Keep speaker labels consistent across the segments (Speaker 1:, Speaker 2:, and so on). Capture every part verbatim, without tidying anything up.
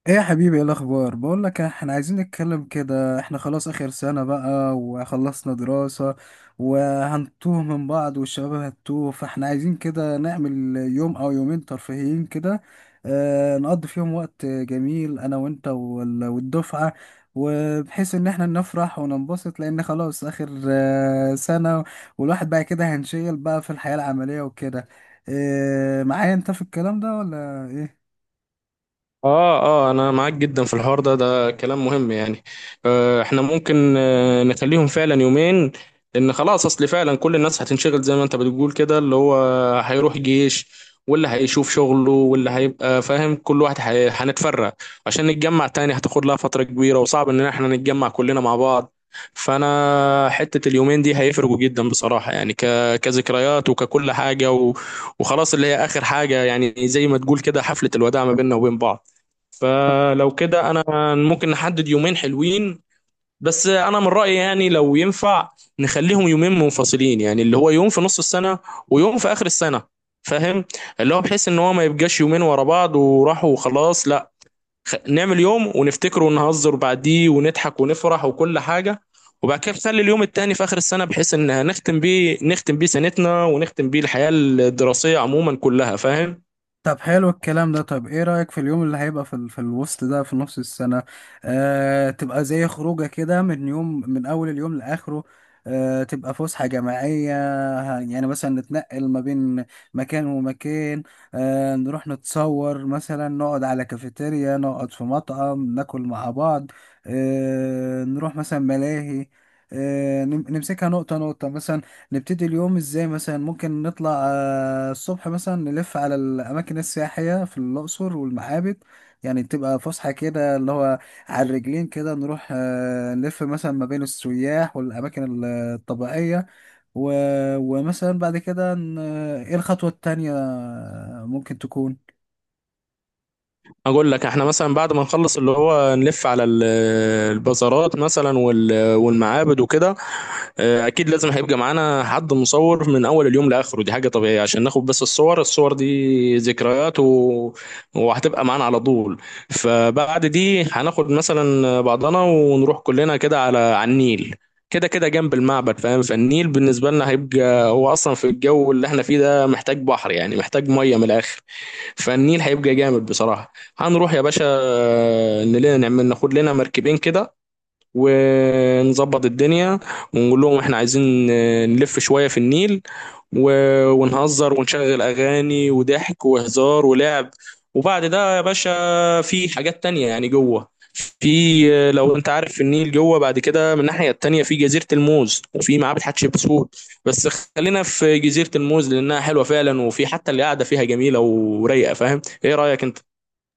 Speaker 1: ايه يا حبيبي، ايه الاخبار؟ بقول لك، احنا عايزين نتكلم كده، احنا خلاص اخر سنة بقى وخلصنا دراسة وهنتوه من بعض والشباب هتوه، فاحنا عايزين كده نعمل يوم او يومين ترفيهيين كده. اه نقضي فيهم وقت جميل انا وانت وال- والدفعة، وبحيث ان احنا نفرح وننبسط لان خلاص اخر آه، سنة. والواحد بقى كده هنشيل بقى في الحياة العملية وكده. اه معايا انت في الكلام ده ولا ايه؟
Speaker 2: اه اه، انا معاك جدا في الحوار ده، ده كلام مهم يعني. آه احنا ممكن آه نخليهم فعلا يومين، لان خلاص اصل فعلا كل الناس هتنشغل زي ما انت بتقول كده، اللي هو هيروح جيش، واللي هيشوف شغله واللي هيبقى فاهم، كل واحد هي- هنتفرق. عشان نتجمع تاني هتاخد لها فترة كبيرة وصعب ان احنا نتجمع كلنا مع بعض. فانا حتة اليومين دي هيفرقوا جدا بصراحة يعني ك... كذكريات وككل حاجة و... وخلاص، اللي هي اخر حاجة، يعني زي ما تقول كده حفلة الوداع ما بيننا وبين بعض. فلو كده انا ممكن نحدد يومين حلوين، بس انا من رأيي يعني لو ينفع نخليهم يومين منفصلين، يعني اللي هو يوم في نص السنة ويوم في اخر السنة، فاهم؟ اللي هو بحيث ان هو ما يبقاش يومين ورا بعض وراحوا وخلاص، لا، خ- نعمل يوم ونفتكره ونهزر بعديه ونضحك ونفرح وكل حاجة، وبعد كده نخلي اليوم التاني في آخر السنة بحيث إن نختم بيه، نختم بيه سنتنا ونختم بيه الحياة الدراسية عموما كلها، فاهم؟
Speaker 1: طب حلو الكلام ده. طب ايه رأيك في اليوم اللي هيبقى في, ال- في الوسط ده في نص السنة؟ آه تبقى زي خروجة كده من يوم، من أول اليوم لآخره. آه تبقى فسحة جماعية. ه- يعني مثلا نتنقل ما بين مكان ومكان. آه نروح نتصور مثلا، نقعد على كافيتيريا، نقعد في مطعم ناكل مع بعض. آه نروح مثلا ملاهي. آه نم- نمسكها نقطة نقطة مثلا. نبتدي اليوم ازاي؟ مثلا ممكن نطلع آه، الصبح مثلا، نلف على الاماكن السياحيه في الاقصر والمعابد. يعني تبقى فسحه كده، اللي هو على الرجلين كده، نروح آه، نلف مثلا ما بين السياح والاماكن الطبيعيه. و- ومثلا بعد كده ن- ايه الخطوه التانية؟ ممكن تكون.
Speaker 2: اقول لك، احنا مثلا بعد ما نخلص اللي هو نلف على ال- البازارات مثلا وال- والمعابد وكده. آه، اكيد لازم هيبقى معانا حد مصور من اول اليوم لاخره، دي حاجه طبيعيه عشان ناخد بس الصور، الصور دي ذكريات و... وهتبقى معانا على طول. فبعد دي هناخد مثلا بعضنا ونروح كلنا كده على على النيل، كده كده جنب المعبد، فاهم؟ فالنيل بالنسبه لنا هيبقى، هو اصلا في الجو اللي احنا فيه ده محتاج بحر يعني، محتاج ميه من الاخر. فالنيل هيبقى جامد بصراحه. هنروح يا باشا نلاقي، نعمل ناخد لنا مركبين كده ونظبط الدنيا ونقول لهم احنا عايزين آه، نلف شوية في النيل و- ونهزر ونشغل أغاني وضحك وهزار ولعب. وبعد ده يا باشا في حاجات تانية يعني جوه، في آه، لو انت عارف في النيل جوه بعد كده من الناحية التانية في جزيرة الموز وفي معابد حتشبسوت، بس خلينا في جزيرة الموز لأنها حلوة فعلا وفي حتى اللي قاعدة فيها جميلة ورايقة، فاهم؟ ايه رأيك انت؟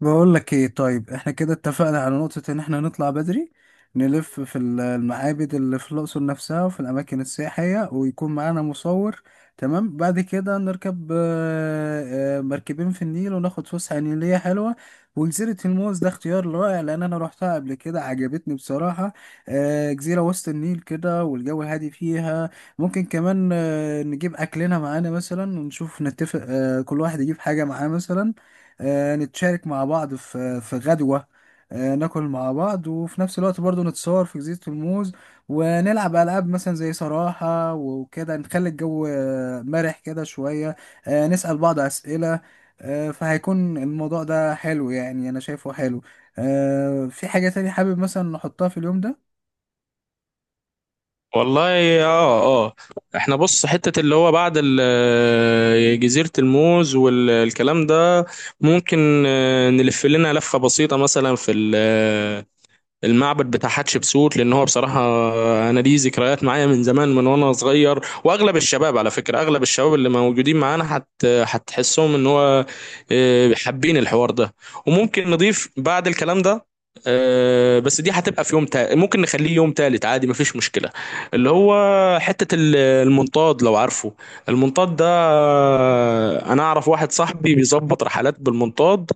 Speaker 1: بقول لك ايه؟ طيب احنا كده اتفقنا على نقطة ان احنا نطلع بدري، نلف في ال- المعابد اللي في الأقصر نفسها وفي الأماكن السياحية، ويكون معانا مصور. تمام، بعد كده نركب آه، آه، مركبين في النيل وناخد فسحة نيلية حلوة. وجزيرة الموز ده اختيار رائع، لأن أنا روحتها قبل كده عجبتني بصراحة. آه، جزيرة وسط النيل كده والجو هادي فيها. ممكن كمان آه، نجيب أكلنا معانا مثلا، ونشوف نتفق آه، كل واحد يجيب حاجة معاه مثلا. آه، نتشارك مع بعض في في غدوة. آه، ناكل مع بعض، وفي نفس الوقت برضو نتصور في جزيرة الموز، ونلعب ألعاب مثلا زي صراحة وكده، نخلي الجو آه، مرح كده شوية. آه، نسأل بعض أسئلة. آه، فهيكون الموضوع ده حلو، يعني أنا شايفه حلو. آه، في حاجة تانية حابب مثلا نحطها في اليوم ده؟
Speaker 2: والله اه اه، احنا بص، حتة اللي هو بعد ال- آه، جزيرة الموز والكلام ده ممكن آه، نلف لنا لفة بسيطة مثلا في المعبد بتاع حتشبسوت، لان هو بصراحه انا ليه ذكريات معايا من زمان، من وانا صغير، واغلب الشباب على فكره، اغلب الشباب اللي موجودين معانا هت هتحسهم ان هو آه، حابين الحوار ده. وممكن نضيف بعد الكلام ده، آه، بس دي هتبقى في يوم تالت، ممكن نخليه يوم تالت عادي مفيش مشكله، اللي هو حته ال- المنطاد، لو عارفه المنطاد ده. آه، انا اعرف واحد صاحبي بيظبط رحلات بالمنطاد،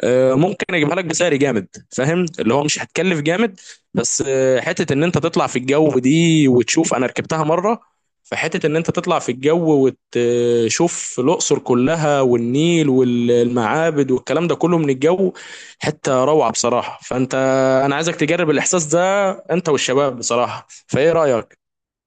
Speaker 2: آه، ممكن اجيبها لك بسعر جامد، فاهم؟ اللي هو مش هتكلف جامد، بس آه، حته ان انت تطلع في الجو دي وتشوف، انا ركبتها مره، فحته ان انت تطلع في الجو وتشوف الاقصر كلها والنيل والمعابد والكلام ده كله من الجو، حته روعه بصراحه. فانت، انا عايزك تجرب الاحساس ده انت والشباب بصراحه، فايه رايك؟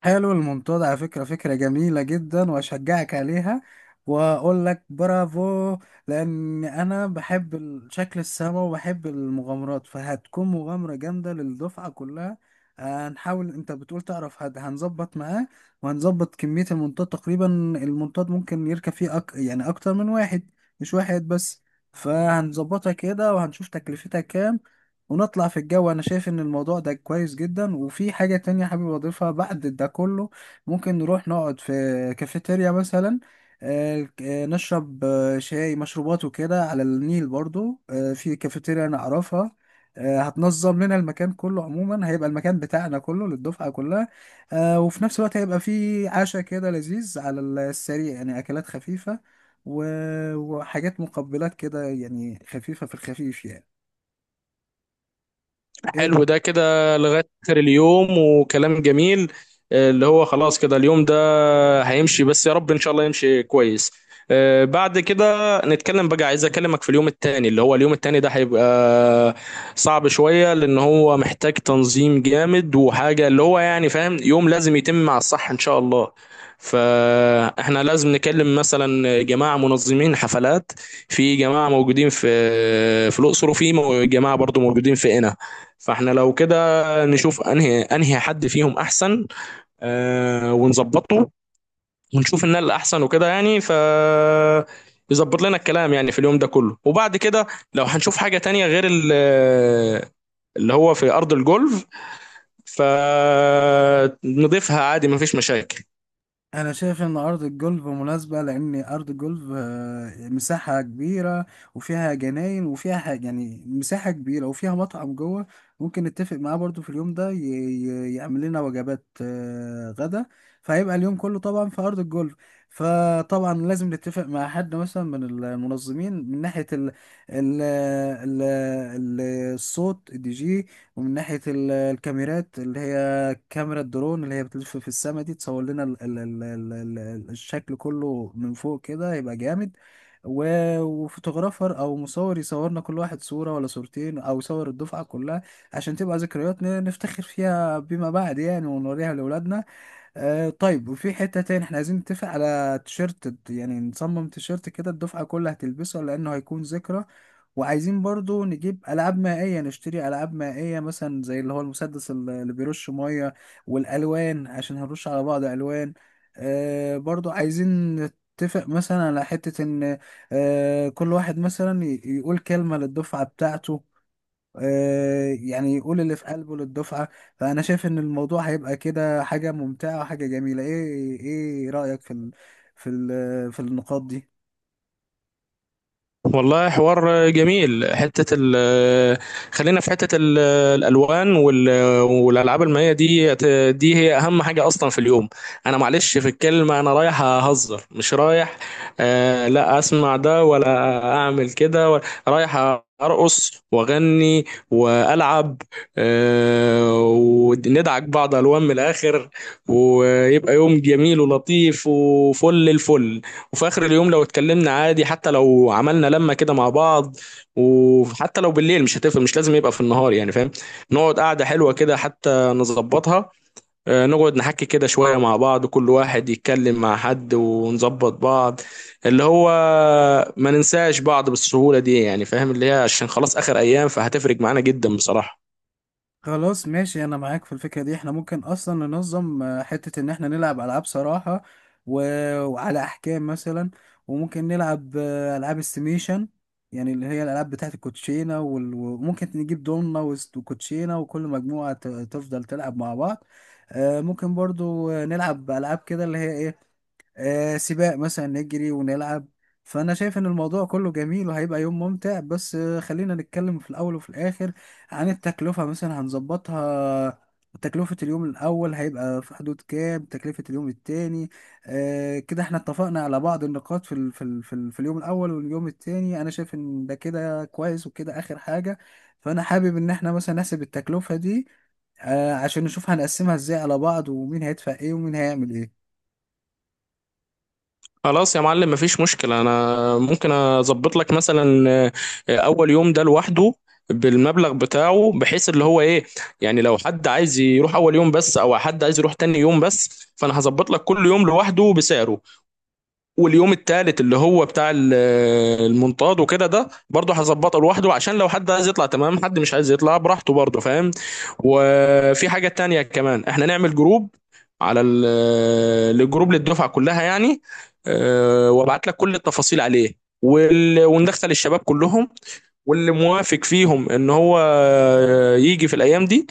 Speaker 1: حلو الموضوع ده على فكرة، فكرة جميلة جدا وأشجعك عليها، وأقول لك برافو. لأن أنا بحب ال- شكل السما وبحب المغامرات، فهتكون مغامرة جامدة للدفعة كلها. آه، هنحاول. أنت بتقول تعرف، هد- هنظبط معاه وهنظبط كمية المنطاد تقريبا. المنطاد ممكن يركب فيه أك... يعني أكتر من واحد، مش واحد بس. فهنظبطها كده وهنشوف تكلفتها كام، ونطلع في الجو. انا شايف ان الموضوع ده كويس جدا، وفي حاجة تانية حابب اضيفها بعد ده كله. ممكن نروح نقعد في كافيتيريا مثلا، آه، آه، نشرب آه، شاي مشروبات وكده على النيل برضو، آه، في كافيتيريا انا اعرفها. آه، هتنظم لنا المكان كله عموما، هيبقى المكان بتاعنا كله للدفعة كلها. آه، وفي نفس الوقت هيبقى في عشاء كده لذيذ على السريع، يعني اكلات خفيفة و- وحاجات مقبلات كده يعني، خفيفة في الخفيف يعني. إيه؟
Speaker 2: حلو، ده كده لغاية آخر اليوم وكلام جميل. آه، اللي هو خلاص كده اليوم ده هيمشي، بس يا رب إن شاء الله يمشي كويس. آه، بعد كده نتكلم بقى، عايز أكلمك في اليوم التاني، اللي هو اليوم التاني ده هيبقى صعب شوية لأن هو محتاج تنظيم جامد وحاجة اللي هو يعني، فاهم؟ يوم لازم يتم مع الصح إن شاء الله. فاحنا لازم نكلم مثلا جماعة منظمين حفلات، في جماعة موجودين في في الأقصر، وفي مو- جماعة برضو موجودين في قنا. فاحنا لو كده نشوف انهي انهي حد فيهم احسن، آه، ونظبطه، ونشوف ان الاحسن وكده يعني، ف يظبط لنا الكلام يعني في اليوم ده كله. وبعد كده لو هنشوف حاجة تانية غير ال- اللي هو في ارض الجولف، فنضيفها عادي مفيش مشاكل.
Speaker 1: انا شايف ان ارض الجولف مناسبه، لان ارض الجولف آه، مساحه كبيره، وفيها جناين وفيها حاجة يعني، مساحه كبيره وفيها مطعم جوه. ممكن نتفق معاه برضو في اليوم ده ي- ي- يعمل لنا وجبات آه، غدا. فهيبقى اليوم كله طبعا في ارض الجولف. فطبعا لازم نتفق مع حد مثلا من المنظمين، من ناحيه ال ال ال ال- الصوت الدي جي، ومن ناحيه ال- الكاميرات، اللي هي كاميرا الدرون اللي هي بتلف في السما دي، تصور لنا ال ال ال ال ال ال- الشكل كله من فوق كده، يبقى جامد. و- وفوتوغرافر او مصور يصورنا كل واحد صورة ولا صورتين، او يصور الدفعة كلها، عشان تبقى ذكريات ن- نفتخر فيها بما بعد يعني، ونوريها لاولادنا. آه طيب، وفي حتة تاني احنا عايزين نتفق على تيشيرت، يعني نصمم تيشيرت كده الدفعة كلها هتلبسه لانه هيكون ذكرى. وعايزين برضو نجيب ألعاب مائية، نشتري ألعاب مائية مثلا زي اللي هو المسدس ال- اللي بيرش مية، والألوان، عشان هنرش على بعض ألوان. آه برضو عايزين نتفق مثلا على حتة إن آه كل واحد مثلا ي- يقول كلمة للدفعة بتاعته، آه يعني يقول اللي في قلبه للدفعة. فأنا شايف إن الموضوع هيبقى كده حاجة ممتعة وحاجة جميلة. إيه إيه رأيك في ال في ال في النقاط دي؟
Speaker 2: والله حوار جميل. حتة ال خلينا في حتة ال- الألوان وال- والألعاب المائية دي، دي هي أهم حاجة أصلا في اليوم. أنا معلش في الكلمة، أنا رايح أهزر مش رايح، آه، لا أسمع ده ولا أعمل كده ولا- رايح أرقص وأغني وألعب، آه، وندعك بعض ألوان من الآخر، ويبقى يوم جميل ولطيف وفل الفل. وفي اخر اليوم لو اتكلمنا عادي، حتى لو عملنا لمه كده مع بعض، وحتى لو بالليل مش هتفرق، مش لازم يبقى في النهار يعني، فاهم؟ نقعد قعده حلوه كده، حتى نظبطها، آه، نقعد نحكي كده شويه مع بعض، كل واحد يتكلم مع حد ونظبط بعض، اللي هو ما ننساش بعض بالسهوله دي، يعني فاهم؟ اللي هي عشان خلاص اخر ايام فهتفرق معانا جدا بصراحه.
Speaker 1: خلاص، ماشي، انا معاك في الفكرة دي. احنا ممكن اصلا ننظم آه، حتة ان احنا نلعب العاب صراحة و... وعلى احكام مثلا. وممكن نلعب آه، العاب استيميشن، يعني اللي هي الالعاب بتاعت الكوتشينة وال... وممكن نجيب دومنا وست- وكوتشينة، وكل مجموعة ت- تفضل تلعب مع بعض. آه، ممكن برضو آه، نلعب العاب كده، اللي هي ايه، آه سباق مثلا، نجري ونلعب. فأنا شايف إن الموضوع كله جميل وهيبقى يوم ممتع، بس آه خلينا نتكلم في الأول وفي الآخر عن التكلفة مثلا هنظبطها. تكلفة اليوم الأول هيبقى في حدود كام؟ تكلفة اليوم التاني؟ آه كده احنا اتفقنا على بعض النقاط في ال في ال في, ال في اليوم الأول واليوم التاني. أنا شايف إن ده كده كويس وكده آخر حاجة. فأنا حابب إن احنا مثلا نحسب التكلفة دي، آه عشان نشوف هنقسمها ازاي على بعض، ومين هيدفع ايه ومين هيعمل ايه.
Speaker 2: خلاص يا معلم مفيش مشكلة. أنا ممكن أظبط لك مثلا آه، أول يوم ده لوحده بالمبلغ بتاعه، بحيث اللي هو إيه، يعني لو حد عايز يروح أول يوم بس أو حد عايز يروح تاني يوم بس، فأنا هظبط لك كل يوم لوحده بسعره. واليوم التالت اللي هو بتاع ال- المنطاد وكده، ده برضه هظبطه لوحده عشان لو حد عايز يطلع تمام، حد مش عايز يطلع براحته برضه، فاهم؟ وفي حاجة تانية كمان، احنا نعمل جروب على ال- الجروب للدفعة كلها يعني، اه، وابعت لك كل التفاصيل عليه، وال- وندخل الشباب كلهم، واللي موافق فيهم ان هو يجي في الايام دي،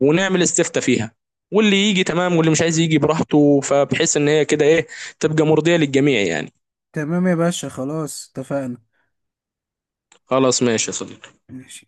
Speaker 2: ونعمل استفتاء فيها، واللي يجي تمام واللي مش عايز يجي براحته، فبحيث ان هي كده ايه، تبقى مرضية للجميع يعني.
Speaker 1: تمام يا باشا، خلاص اتفقنا.
Speaker 2: خلاص ماشي يا صديقي.
Speaker 1: ماشي.